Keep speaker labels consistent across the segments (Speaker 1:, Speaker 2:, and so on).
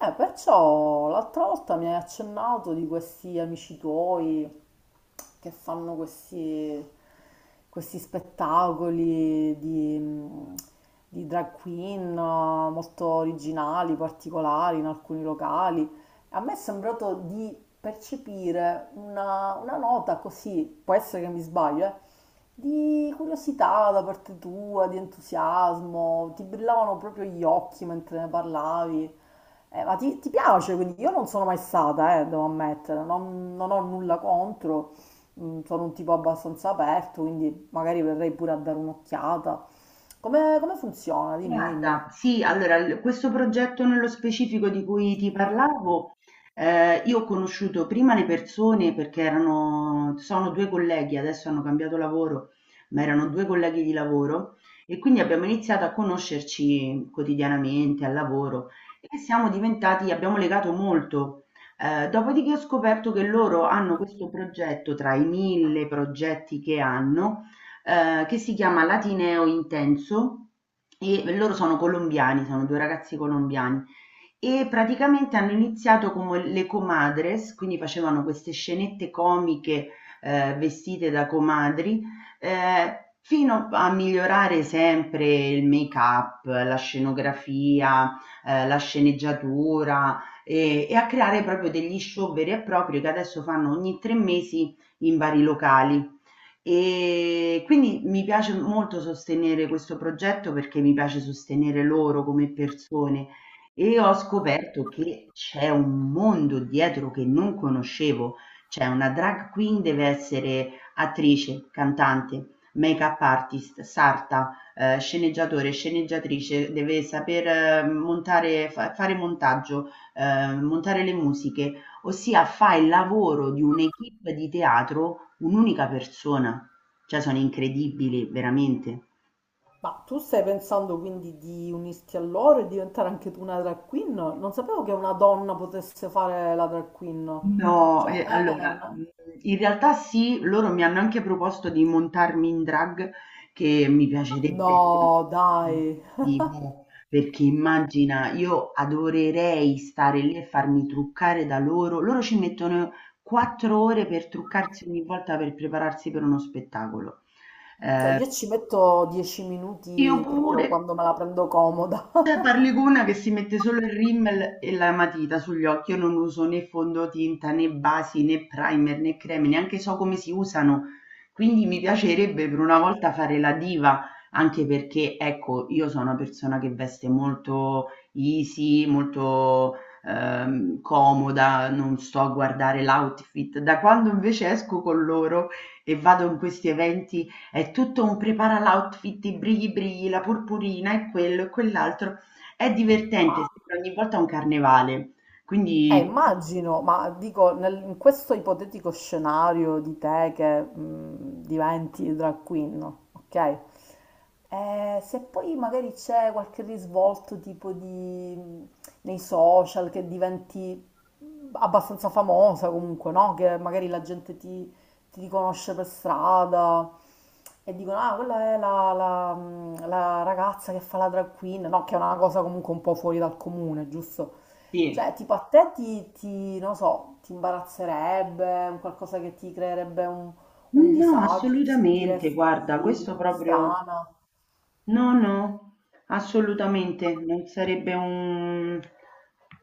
Speaker 1: Perciò l'altra volta mi hai accennato di questi amici tuoi che fanno questi spettacoli di di drag queen molto originali, particolari in alcuni locali. A me è sembrato di percepire una nota così, può essere che mi sbaglio, di curiosità da parte tua, di entusiasmo, ti brillavano proprio gli occhi mentre ne parlavi. Ma ti piace? Quindi io non sono mai stata, devo ammettere, non ho nulla contro, sono un tipo abbastanza aperto, quindi magari verrei pure a dare un'occhiata. Come funziona? Dimmi,
Speaker 2: Guarda,
Speaker 1: dimmi.
Speaker 2: sì, allora l questo progetto nello specifico di cui ti parlavo, io ho conosciuto prima le persone perché erano sono 2 colleghi. Adesso hanno cambiato lavoro, ma erano 2 colleghi di lavoro e quindi abbiamo iniziato a conoscerci quotidianamente al lavoro e siamo diventati abbiamo legato molto. Dopodiché ho scoperto che loro hanno questo progetto tra i 1000 progetti che hanno, che si chiama Latineo Intenso. E loro sono colombiani, sono due ragazzi colombiani e praticamente hanno iniziato come le comadres, quindi facevano queste scenette comiche vestite da comadri, fino a migliorare sempre il make-up, la scenografia, la sceneggiatura e a creare proprio degli show veri e propri che adesso fanno ogni 3 mesi in vari locali. E quindi mi piace molto sostenere questo progetto perché mi piace sostenere loro come persone e ho scoperto che c'è un mondo dietro che non conoscevo. Cioè, una drag queen deve essere attrice, cantante, make-up artist, sarta, sceneggiatore, sceneggiatrice, deve saper montare, fare montaggio, montare le musiche. Ossia fa il lavoro di un'équipe di teatro un'unica persona. Cioè, sono incredibili, veramente.
Speaker 1: Ma tu stai pensando quindi di unirti a loro e diventare anche tu una drag queen? Non sapevo che una donna potesse fare la drag queen.
Speaker 2: No,
Speaker 1: Cioè,
Speaker 2: e
Speaker 1: è
Speaker 2: allora,
Speaker 1: una...
Speaker 2: in realtà sì, loro mi hanno anche proposto di montarmi in drag, che mi piacerebbe
Speaker 1: No, dai.
Speaker 2: tantissimo, perché immagina, io adorerei stare lì e farmi truccare da loro. Loro ci mettono 4 ore per truccarsi ogni volta per prepararsi per uno spettacolo.
Speaker 1: Cioè,
Speaker 2: Ehm,
Speaker 1: io ci metto dieci
Speaker 2: io
Speaker 1: minuti proprio
Speaker 2: pure.
Speaker 1: quando me la prendo comoda.
Speaker 2: Cioè, parli con una che si mette solo il rímel e la matita sugli occhi. Io non uso né fondotinta, né basi, né primer, né creme, neanche so come si usano. Quindi mi piacerebbe per una volta fare la diva, anche perché, ecco, io sono una persona che veste molto easy, molto comoda, non sto a guardare l'outfit. Da quando invece esco con loro e vado in questi eventi è tutto un prepara l'outfit, i brighi brighi, la purpurina e quello e quell'altro. È divertente, sembra ogni volta un carnevale. Quindi
Speaker 1: Immagino, ma dico, in questo ipotetico scenario di te che diventi drag queen, no? Ok? Se poi magari c'è qualche risvolto tipo di, mh, nei social che diventi abbastanza famosa comunque, no? Che magari la gente ti riconosce per strada e dicono, ah, quella è la ragazza che fa la drag queen, no, che è una cosa comunque un po' fuori dal comune, giusto?
Speaker 2: sì.
Speaker 1: Cioè, tipo a te ti non so, ti imbarazzerebbe, un qualcosa che ti creerebbe un
Speaker 2: No,
Speaker 1: disagio, ti
Speaker 2: assolutamente, guarda,
Speaker 1: sentiresti
Speaker 2: questo proprio.
Speaker 1: strana.
Speaker 2: No, no, assolutamente, non sarebbe un,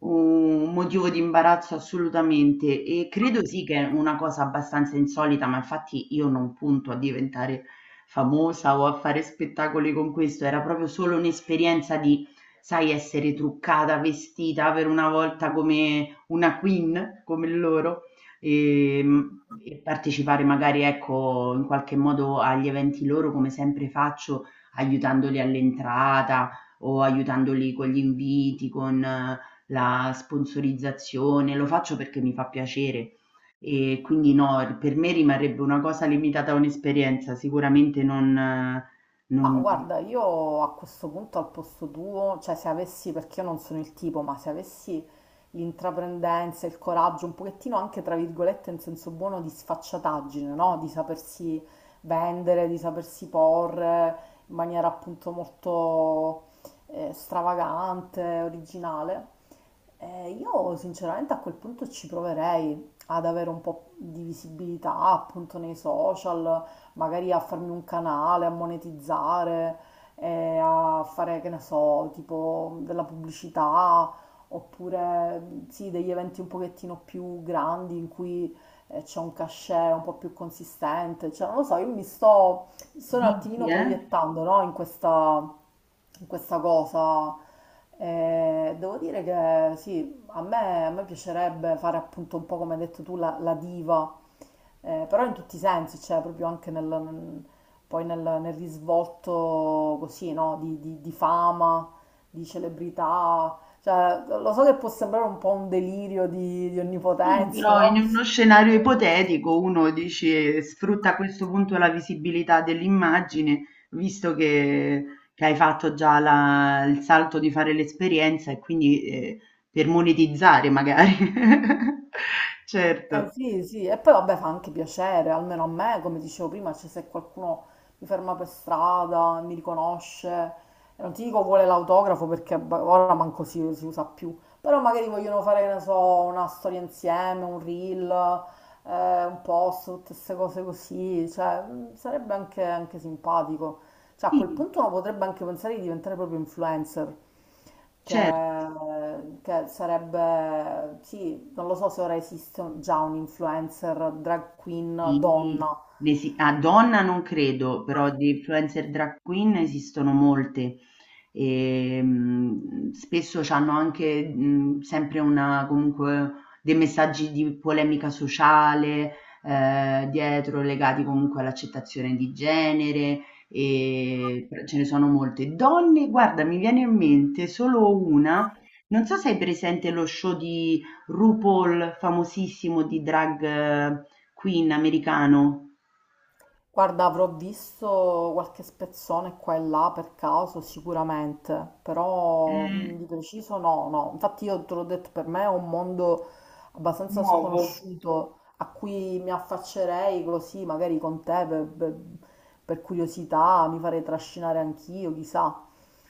Speaker 2: un motivo di imbarazzo assolutamente e credo sì che è una cosa abbastanza insolita, ma infatti io non punto a diventare famosa o a fare spettacoli con questo, era proprio solo un'esperienza di, sai, essere truccata, vestita per una volta come una queen, come loro. E, e partecipare magari ecco in qualche modo agli eventi loro come sempre faccio, aiutandoli all'entrata o aiutandoli con gli inviti, con la sponsorizzazione. Lo faccio perché mi fa piacere. E quindi no, per me rimarrebbe una cosa limitata a un'esperienza, sicuramente non,
Speaker 1: Ma
Speaker 2: non...
Speaker 1: guarda, io a questo punto al posto tuo, cioè se avessi, perché io non sono il tipo, ma se avessi l'intraprendenza, il coraggio, un pochettino anche tra virgolette in senso buono di sfacciataggine, no? Di sapersi vendere, di sapersi porre in maniera appunto molto stravagante, originale, io sinceramente a quel punto ci proverei ad avere un po' di visibilità appunto nei social, magari a farmi un canale, a monetizzare, a fare, che ne so, tipo della pubblicità, oppure sì, degli eventi un pochettino più grandi in cui c'è un cachet un po' più consistente, cioè non lo so, io mi Sto un
Speaker 2: Dici,
Speaker 1: attimino
Speaker 2: eh?
Speaker 1: proiettando, no, in questa cosa. Devo dire che sì, a me piacerebbe fare appunto un po' come hai detto tu la diva, però in tutti i sensi, cioè proprio anche nel poi nel risvolto così, no, di di fama, di celebrità. Cioè, lo so che può sembrare un po' un delirio di
Speaker 2: Sì,
Speaker 1: onnipotenza,
Speaker 2: però in
Speaker 1: no?
Speaker 2: uno scenario ipotetico uno dice sfrutta a questo punto la visibilità dell'immagine, visto che hai fatto già il salto di fare l'esperienza e quindi per monetizzare magari.
Speaker 1: Eh
Speaker 2: Certo,
Speaker 1: sì, sì, e poi vabbè fa anche piacere, almeno a me, come dicevo prima, cioè se qualcuno mi ferma per strada, mi riconosce, e non ti dico vuole l'autografo perché ora manco si usa più, però magari vogliono fare, che ne so, una storia insieme, un reel, un post, tutte queste cose così, cioè sarebbe anche, anche simpatico. Cioè, a quel
Speaker 2: sì,
Speaker 1: punto uno potrebbe anche pensare di diventare proprio influencer, che,
Speaker 2: certo,
Speaker 1: che sarebbe, sì, non lo so se ora esiste già un influencer drag queen
Speaker 2: sì.
Speaker 1: donna.
Speaker 2: A donna non credo, però di influencer drag queen esistono molte. E, spesso c'hanno anche, sempre una comunque dei messaggi di polemica sociale, dietro legati comunque all'accettazione di genere, però ce ne sono molte. Donne, guarda, mi viene in mente solo una, non so se hai presente lo show di RuPaul, famosissimo di drag queen americano.
Speaker 1: Guarda, avrò visto qualche spezzone qua e là per caso, sicuramente, però mm, di
Speaker 2: Mh,
Speaker 1: preciso no, no. Infatti io te l'ho detto, per me è un mondo abbastanza
Speaker 2: Nuovo.
Speaker 1: sconosciuto a cui mi affaccerei così, magari con te, per curiosità, mi farei trascinare anch'io, chissà,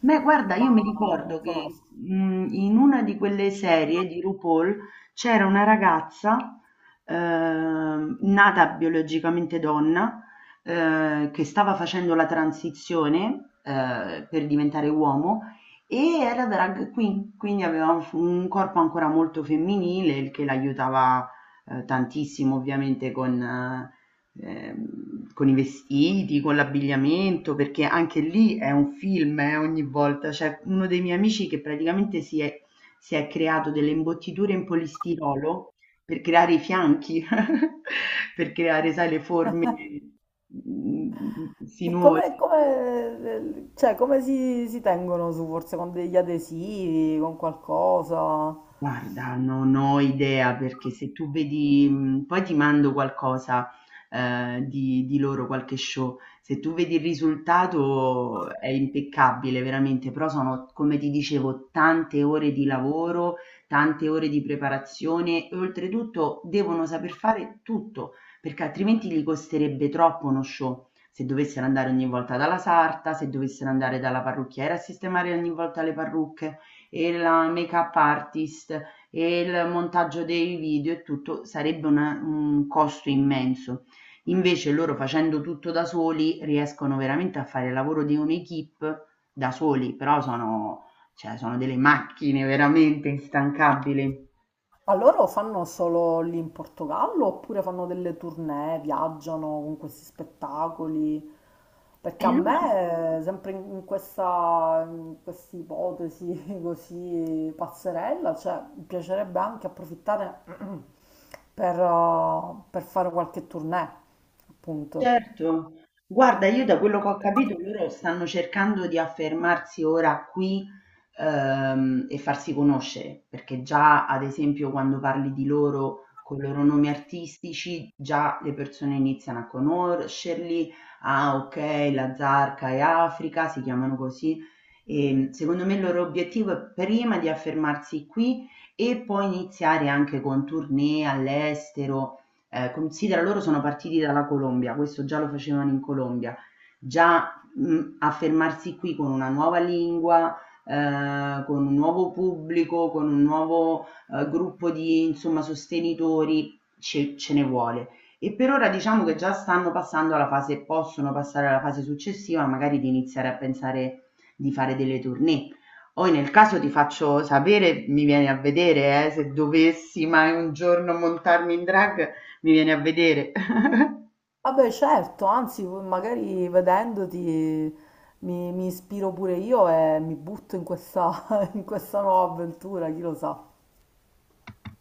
Speaker 2: Beh, guarda,
Speaker 1: ma
Speaker 2: io mi
Speaker 1: non
Speaker 2: ricordo che
Speaker 1: conosco.
Speaker 2: in una di quelle serie di RuPaul c'era una ragazza nata biologicamente donna, che stava facendo la transizione per diventare uomo e era drag queen, quindi aveva un corpo ancora molto femminile, il che l'aiutava tantissimo ovviamente con i vestiti, con l'abbigliamento, perché anche lì è un film, ogni volta. C'è uno dei miei amici che praticamente si è creato delle imbottiture in polistirolo per creare i fianchi, per creare, sai, le forme mm,
Speaker 1: E
Speaker 2: sinuose.
Speaker 1: come, cioè, come si tengono su, forse con degli adesivi, con qualcosa?
Speaker 2: Guarda, non ho idea, perché se tu vedi poi ti mando qualcosa, di loro, qualche show. Se tu vedi, il risultato è impeccabile veramente, però sono, come ti dicevo, tante ore di lavoro, tante ore di preparazione e oltretutto devono saper fare tutto, perché altrimenti gli costerebbe troppo uno show. Se dovessero andare ogni volta dalla sarta, se dovessero andare dalla parrucchiera a sistemare ogni volta le parrucche e la make-up artist e il montaggio dei video e tutto, sarebbe un costo immenso. Invece loro, facendo tutto da soli, riescono veramente a fare il lavoro di un'equipe da soli, però sono, cioè, sono delle macchine veramente instancabili.
Speaker 1: Ma loro fanno solo lì in Portogallo oppure fanno delle tournée, viaggiano con questi spettacoli?
Speaker 2: E
Speaker 1: Perché a
Speaker 2: loro
Speaker 1: me, sempre in questa, in questa ipotesi così pazzerella, cioè, mi piacerebbe anche approfittare per fare qualche tournée, appunto.
Speaker 2: Certo, guarda, io da quello che ho capito loro stanno cercando di affermarsi ora qui, e farsi conoscere, perché già ad esempio quando parli di loro con i loro nomi artistici, già le persone iniziano a conoscerli. Ah, ok, la Zarca e Africa si chiamano così, e secondo me il loro obiettivo è prima di affermarsi qui e poi iniziare anche con tournée all'estero. Considera loro sono partiti dalla Colombia, questo già lo facevano in Colombia. Già affermarsi qui con una nuova lingua, con un nuovo pubblico, con un nuovo gruppo di, insomma, sostenitori, ce ne vuole. E per ora diciamo che già stanno passando alla fase, possono passare alla fase successiva, magari di iniziare a pensare di fare delle tournée. Poi nel caso ti faccio sapere, mi vieni a vedere, se dovessi mai un giorno montarmi in drag, mi viene a vedere.
Speaker 1: Vabbè, certo, anzi, magari vedendoti mi ispiro pure io e mi butto in questa, in questa nuova avventura, chi lo sa.